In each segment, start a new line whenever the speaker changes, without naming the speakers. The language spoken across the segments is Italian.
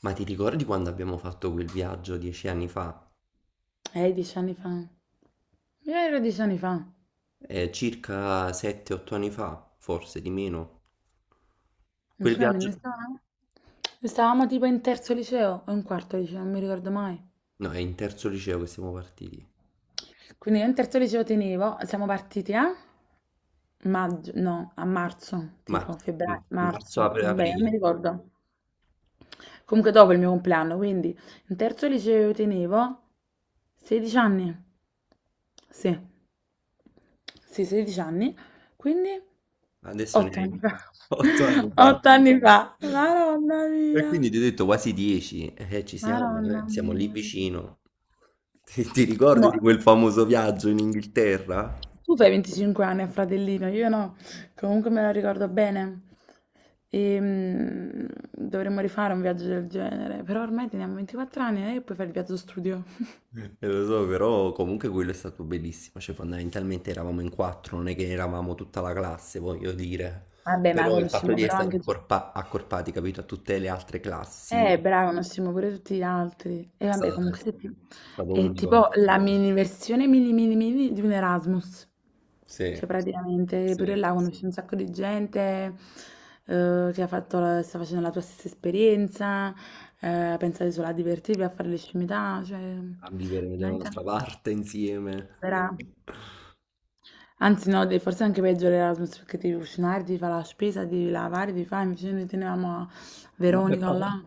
Ma ti ricordi quando abbiamo fatto quel viaggio 10 anni fa?
10 anni fa. Io ero 10 anni fa.
Circa 7-8 anni fa, forse di meno.
Non
Quel
so,
viaggio...
ne stavamo tipo in terzo liceo o in quarto liceo, non mi ricordo mai.
No, è in terzo liceo che siamo partiti.
Quindi io in terzo liceo tenevo, siamo partiti a maggio, no, a marzo, tipo
Marzo,
febbraio,
marzo
marzo, vabbè, non
aprile.
mi ricordo. Comunque dopo il mio compleanno, quindi in terzo liceo io tenevo 16 anni. Sì, sì, 16 anni. Quindi
Adesso ne
8 anni
hai
fa.
8 anni fa.
8 anni fa. Madonna
E quindi
mia.
ti ho detto quasi 10. Ci siamo,
Madonna
siamo lì
mia.
vicino. Ti
Tu,
ricordi
mo-
di quel famoso viaggio in Inghilterra?
tu fai 25 anni, a fratellino, io no. Comunque me la ricordo bene. E, dovremmo rifare un viaggio del genere. Però ormai teniamo 24 anni e puoi fare il viaggio studio.
Lo so, però comunque quello è stato bellissimo, cioè fondamentalmente eravamo in quattro, non è che eravamo tutta la classe, voglio dire,
Vabbè, ma
però il fatto
conosciamo
di
però
essere
anche.
accorpati, capito, a tutte le altre classi è
Bravo, non siamo pure tutti gli altri. E vabbè,
stato, è
comunque se ti-
stato
è
unico.
tipo la mini versione mini mini mini di un Erasmus.
Sì,
Cioè praticamente pure
sì,
là conosci un sacco di gente che ha fatto sta facendo la tua stessa esperienza, pensate solo a divertirvi, a fare le scimità, cioè
a vivere da
veramente
un'altra parte insieme.
vera. Anzi no, forse anche peggio l'Erasmus perché devi cucinare, devi fare la spesa, devi lavare, devi fare, invece noi tenevamo a
Mamma e
Veronica
papà.
là.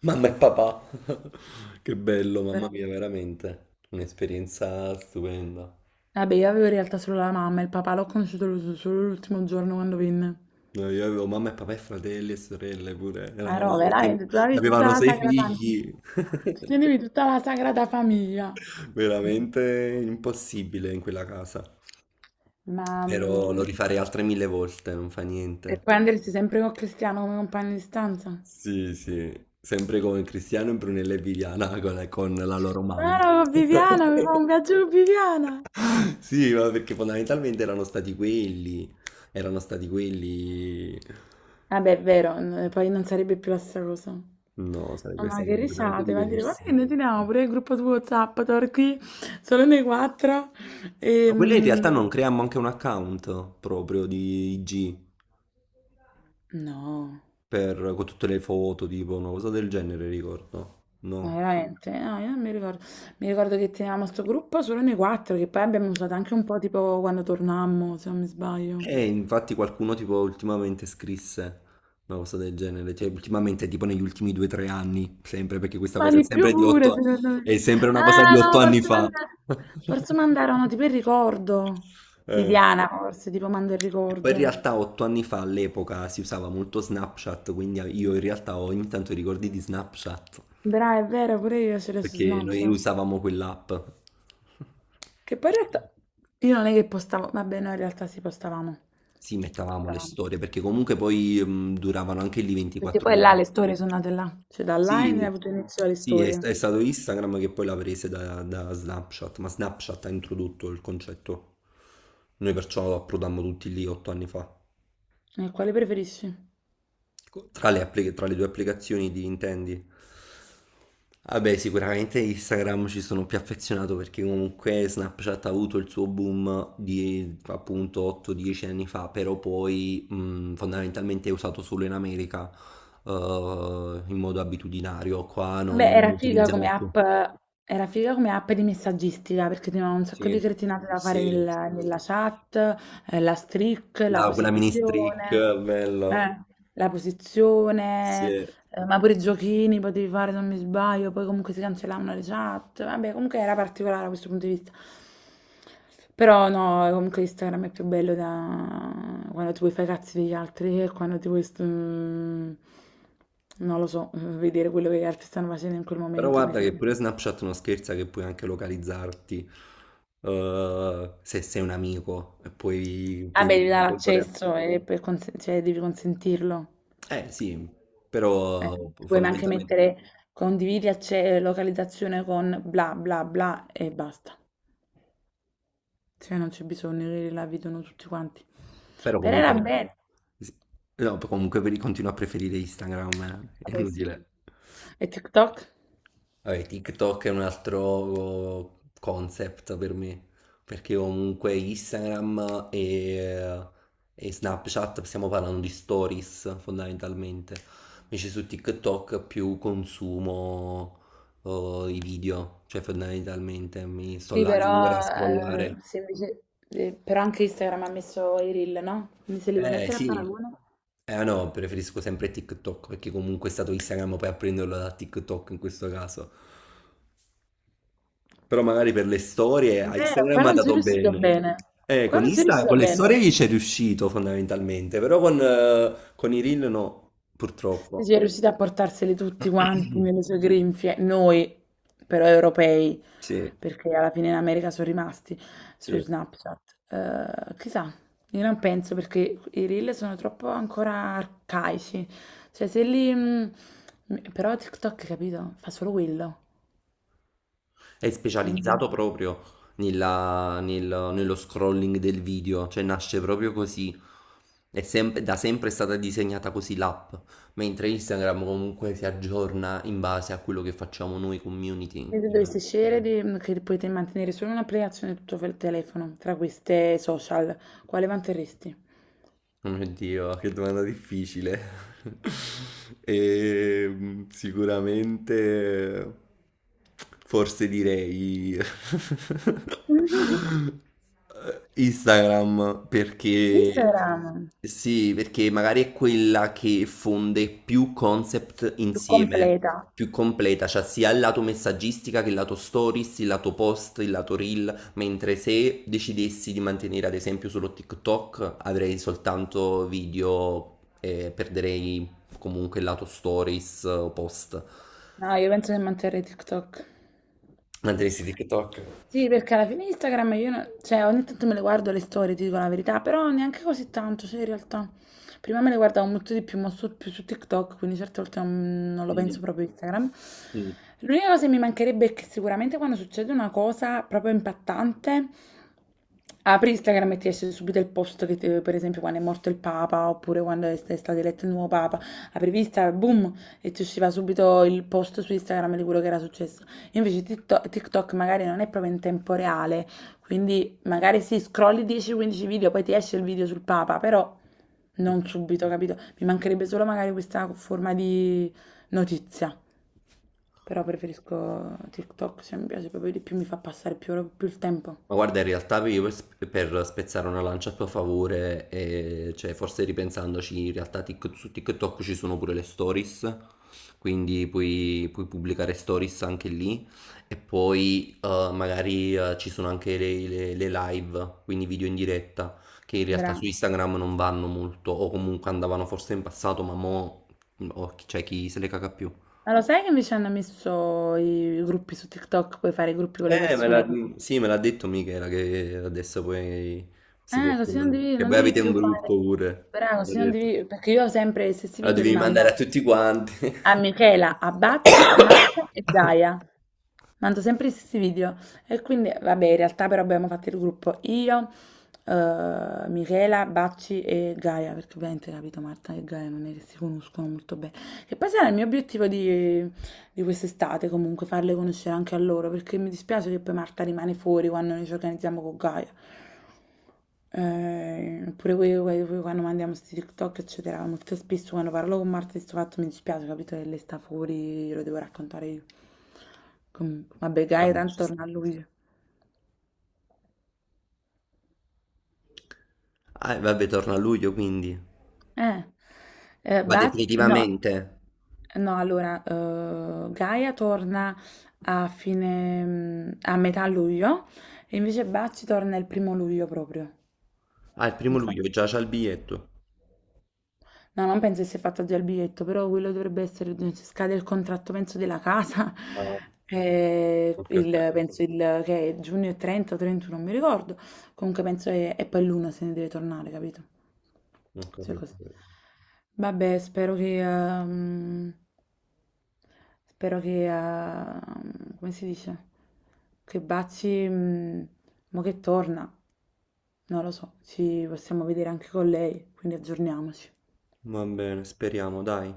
Mamma e papà. Che bello, mamma mia, veramente. Un'esperienza stupenda.
Vabbè, io avevo in realtà solo la mamma, il papà l'ho conosciuto solo l'ultimo giorno quando venne.
No, io avevo mamma e papà e fratelli e sorelle pure,
Ma
eravamo
no,
veramente,
veramente, tu avevi tutta
avevano
la
sei
sagrada famiglia.
figli,
Ti tenevi tutta la sagrada famiglia.
veramente impossibile in quella casa,
Ma...
però lo
mm,
rifarei altre mille volte, non fa
E
niente.
poi andresti sempre con Cristiano come compagno di stanza?
Sì, sì, sempre con Cristiano, Brunella e Viviana, con la loro
No,
mamma.
no, con Viviana, mi fa un viaggio con Viviana.
Sì, ma perché fondamentalmente erano stati quelli, erano stati quelli.
Vabbè, è vero, poi non sarebbe più la stessa cosa.
No,
No,
sarebbe
ma
stato
che
completamente
risate, va a dire, guarda
diverso.
che noi teniamo pure il gruppo su WhatsApp, torqui, solo noi quattro.
Ma
E,
quella in realtà
mm,
non creiamo anche un account proprio di IG
No,
per, con tutte le foto, tipo una cosa del genere, ricordo.
ma
No.
veramente? No, io non mi ricordo. Mi ricordo che tenevamo sto gruppo solo noi 4, che poi abbiamo usato anche un po' tipo quando tornammo, se non mi sbaglio.
E infatti qualcuno tipo ultimamente scrisse una cosa del genere, cioè ultimamente tipo negli ultimi 2 o 3 anni, sempre perché questa
Ma per
cosa è
di più
sempre di
pure,
otto,
secondo me.
è sempre una cosa di
Ah
otto
no,
anni
forse
fa.
manda forse mandarono tipo il ricordo.
Eh.
Viviana forse, tipo manda il
E poi in
ricordo.
realtà 8 anni fa all'epoca si usava molto Snapchat, quindi io in realtà ho ogni tanto i ricordi di Snapchat,
Brava, è vero, pure io ce l'ho su
perché noi
Snapchat.
usavamo quell'app.
Che poi in realtà io non è che postavo, vabbè no, in realtà sì, postavamo.
Sì, mettavamo le
Postavamo.
storie perché comunque poi duravano anche lì
Perché
24
poi là
ore.
le storie sono nate là. Cioè da là è
Sì,
avuto inizio le
sì,
storie.
è stato Instagram che poi l'ha prese da, da Snapchat, ma Snapchat ha introdotto il concetto. Noi perciò approdammo tutti lì 8 anni fa.
Quale preferisci?
Tra le tra le due applicazioni di intendi? Vabbè, sicuramente Instagram ci sono più affezionato perché comunque Snapchat ha avuto il suo boom di appunto 8-10 anni fa, però poi fondamentalmente è usato solo in America, eh, in modo abitudinario, qua non
Beh, era
lo
figa come
utilizziamo più.
app, era figa come app di messaggistica perché ti un sacco di
Sì,
cretinate da fare
sì.
nella chat, la streak, la
La, quella mini streak,
posizione,
bello.
eh, la posizione.
Sì.
Ma pure i giochini potevi fare se non mi sbaglio, poi comunque si cancellavano le chat. Vabbè, comunque era particolare da questo punto di vista. Però no, comunque Instagram è più bello da quando ti vuoi fare i cazzi degli altri e quando ti vuoi, non lo so, vedere quello che gli altri stanno facendo in quel
Però
momento.
guarda che
Perché.
pure Snapchat non scherza che puoi anche localizzarti, se sei un amico e puoi, puoi
Vabbè, devi
vedere in
dare
tempo reale.
l'accesso e per cioè, devi consentirlo.
Eh sì,
Eh,
però
puoi anche
fondamentalmente,
mettere condividi localizzazione con bla bla bla e basta. Cioè non c'è bisogno che la vedono tutti quanti.
però
Però era
comunque,
bello.
sì. No, comunque per- continuo a preferire Instagram, è
Vabbè, sì.
inutile.
E TikTok?
Vabbè, TikTok è un altro concept per me, perché comunque Instagram e Snapchat stiamo parlando di stories fondamentalmente, invece su TikTok più consumo i video, cioè fondamentalmente mi sto
Sì,
là le
però,
ore a scrollare.
se invece- però anche Instagram ha messo i reel, no? Quindi se li vuoi
Eh
mettere a
sì,
paragone.
eh no, preferisco sempre TikTok perché comunque è stato Instagram poi a prenderlo da TikTok in questo caso. Però magari per le storie
È
a
vero, qua
Instagram è
non sei
andato
riuscito
bene.
bene. Qua
Con
non sei
Insta, con
riuscito
le
bene.
storie gli c'è riuscito fondamentalmente, però con i reel no,
Sì, sì,
purtroppo.
è riuscita a portarseli tutti quanti nelle sue grinfie, noi però europei,
Sì,
perché alla fine in America sono rimasti su
sì.
Snapchat. Chissà, io non penso perché i reel sono troppo ancora arcaici. Cioè, se li... però TikTok, capito? Fa solo quello.
È
Quindi,
specializzato proprio nello scrolling del video, cioè nasce proprio così. È sempre, da sempre è stata disegnata così l'app, mentre Instagram comunque si aggiorna in base a quello che facciamo noi community.
se tu dovessi scegliere che potete mantenere solo un'applicazione e tutto il telefono, tra queste social, quale manterresti?
Oh mio Dio, che domanda difficile. E, sicuramente, forse direi Instagram, perché
Instagram,
sì, perché magari è quella che fonde più concept
più
insieme,
completa.
più completa, cioè sia il lato messaggistica che il lato stories, il lato post, il lato reel. Mentre se decidessi di mantenere ad esempio solo TikTok, avrei soltanto video e perderei comunque il lato stories o post.
No, io penso che manterrei TikTok.
Mantenessi TikTok.
Sì, perché alla fine Instagram io, non- cioè, ogni tanto me le guardo le storie, ti dico la verità, però neanche così tanto, cioè, in realtà. Prima me le guardavo molto di più, ma su, più su TikTok, quindi certe volte non, non lo penso
Mm,
proprio a Instagram. L'unica cosa che mi mancherebbe è che sicuramente quando succede una cosa proprio impattante, apri Instagram e ti esce subito il post che, per esempio, quando è morto il Papa, oppure quando è è stato eletto il nuovo Papa, aprivi Instagram, boom, e ti usciva subito il post su Instagram di quello che era successo. Invece TikTok, TikTok magari non è proprio in tempo reale, quindi magari sì, scrolli 10-15 video, poi ti esce il video sul Papa, però non
mm.
subito, capito? Mi mancherebbe solo magari questa forma di notizia, però preferisco TikTok, se mi piace proprio di più, mi fa passare più, più il tempo.
Ma guarda, in realtà io per per spezzare una lancia a tuo favore, cioè forse ripensandoci, in realtà su TikTok ci sono pure le stories, quindi puoi, puoi pubblicare stories anche lì e poi magari ci sono anche le live, quindi video in diretta, che in realtà su
Bra.
Instagram non vanno molto, o comunque andavano forse in passato, ma mo' oh, cioè, chi se le caga più.
Ma lo sai che invece hanno messo i gruppi su TikTok, puoi fare i gruppi con le persone così?
Sì, me l'ha detto Michela che adesso poi si
Così non
possono.
devi,
Che
non
voi
devi
avete un
più
gruppo
fare.
pure.
Però
L'ha
così non
detto.
devi, perché io sempre gli stessi
La
video li
devi mandare a
mando.
tutti quanti.
a Michela, a Bacci, Marta e Gaia. Mando sempre gli stessi video. E quindi, vabbè, in realtà però abbiamo fatto il gruppo io, Michela, Bacci e Gaia, perché ovviamente, capito, Marta e Gaia non è che si conoscono molto bene. Che poi sarà il mio obiettivo di quest'estate comunque farle conoscere anche a loro perché mi dispiace che poi Marta rimane fuori quando noi ci organizziamo con Gaia. Eh, oppure quando mandiamo questi TikTok eccetera molto spesso quando parlo con Marta di questo fatto mi dispiace, capito, che lei sta fuori, lo devo raccontare io. Vabbè, Gaia
Vabbè,
tanto
ci sta.
torna a lui,
Ah, e vabbè, torna a luglio quindi.
eh,
Ma
Baz no.
definitivamente.
No, allora, Gaia torna a fine, a metà luglio, e invece Bacci torna il primo luglio proprio.
Ah, il primo
Infa-
luglio già c'ha il biglietto.
No, non penso che sia fatto già il biglietto, però quello dovrebbe essere, se scade il contratto, penso, della casa,
Ah, ok, ok.
penso che è giugno e 30 o 31, non mi ricordo. Comunque penso che, e poi l'uno se ne deve tornare, capito?
Non
Cioè così.
capito.
Vabbè, spero che, come si dice? Che Bazzi, mo che torna, non lo so, ci possiamo vedere anche con lei, quindi aggiorniamoci.
Va bene, speriamo, dai.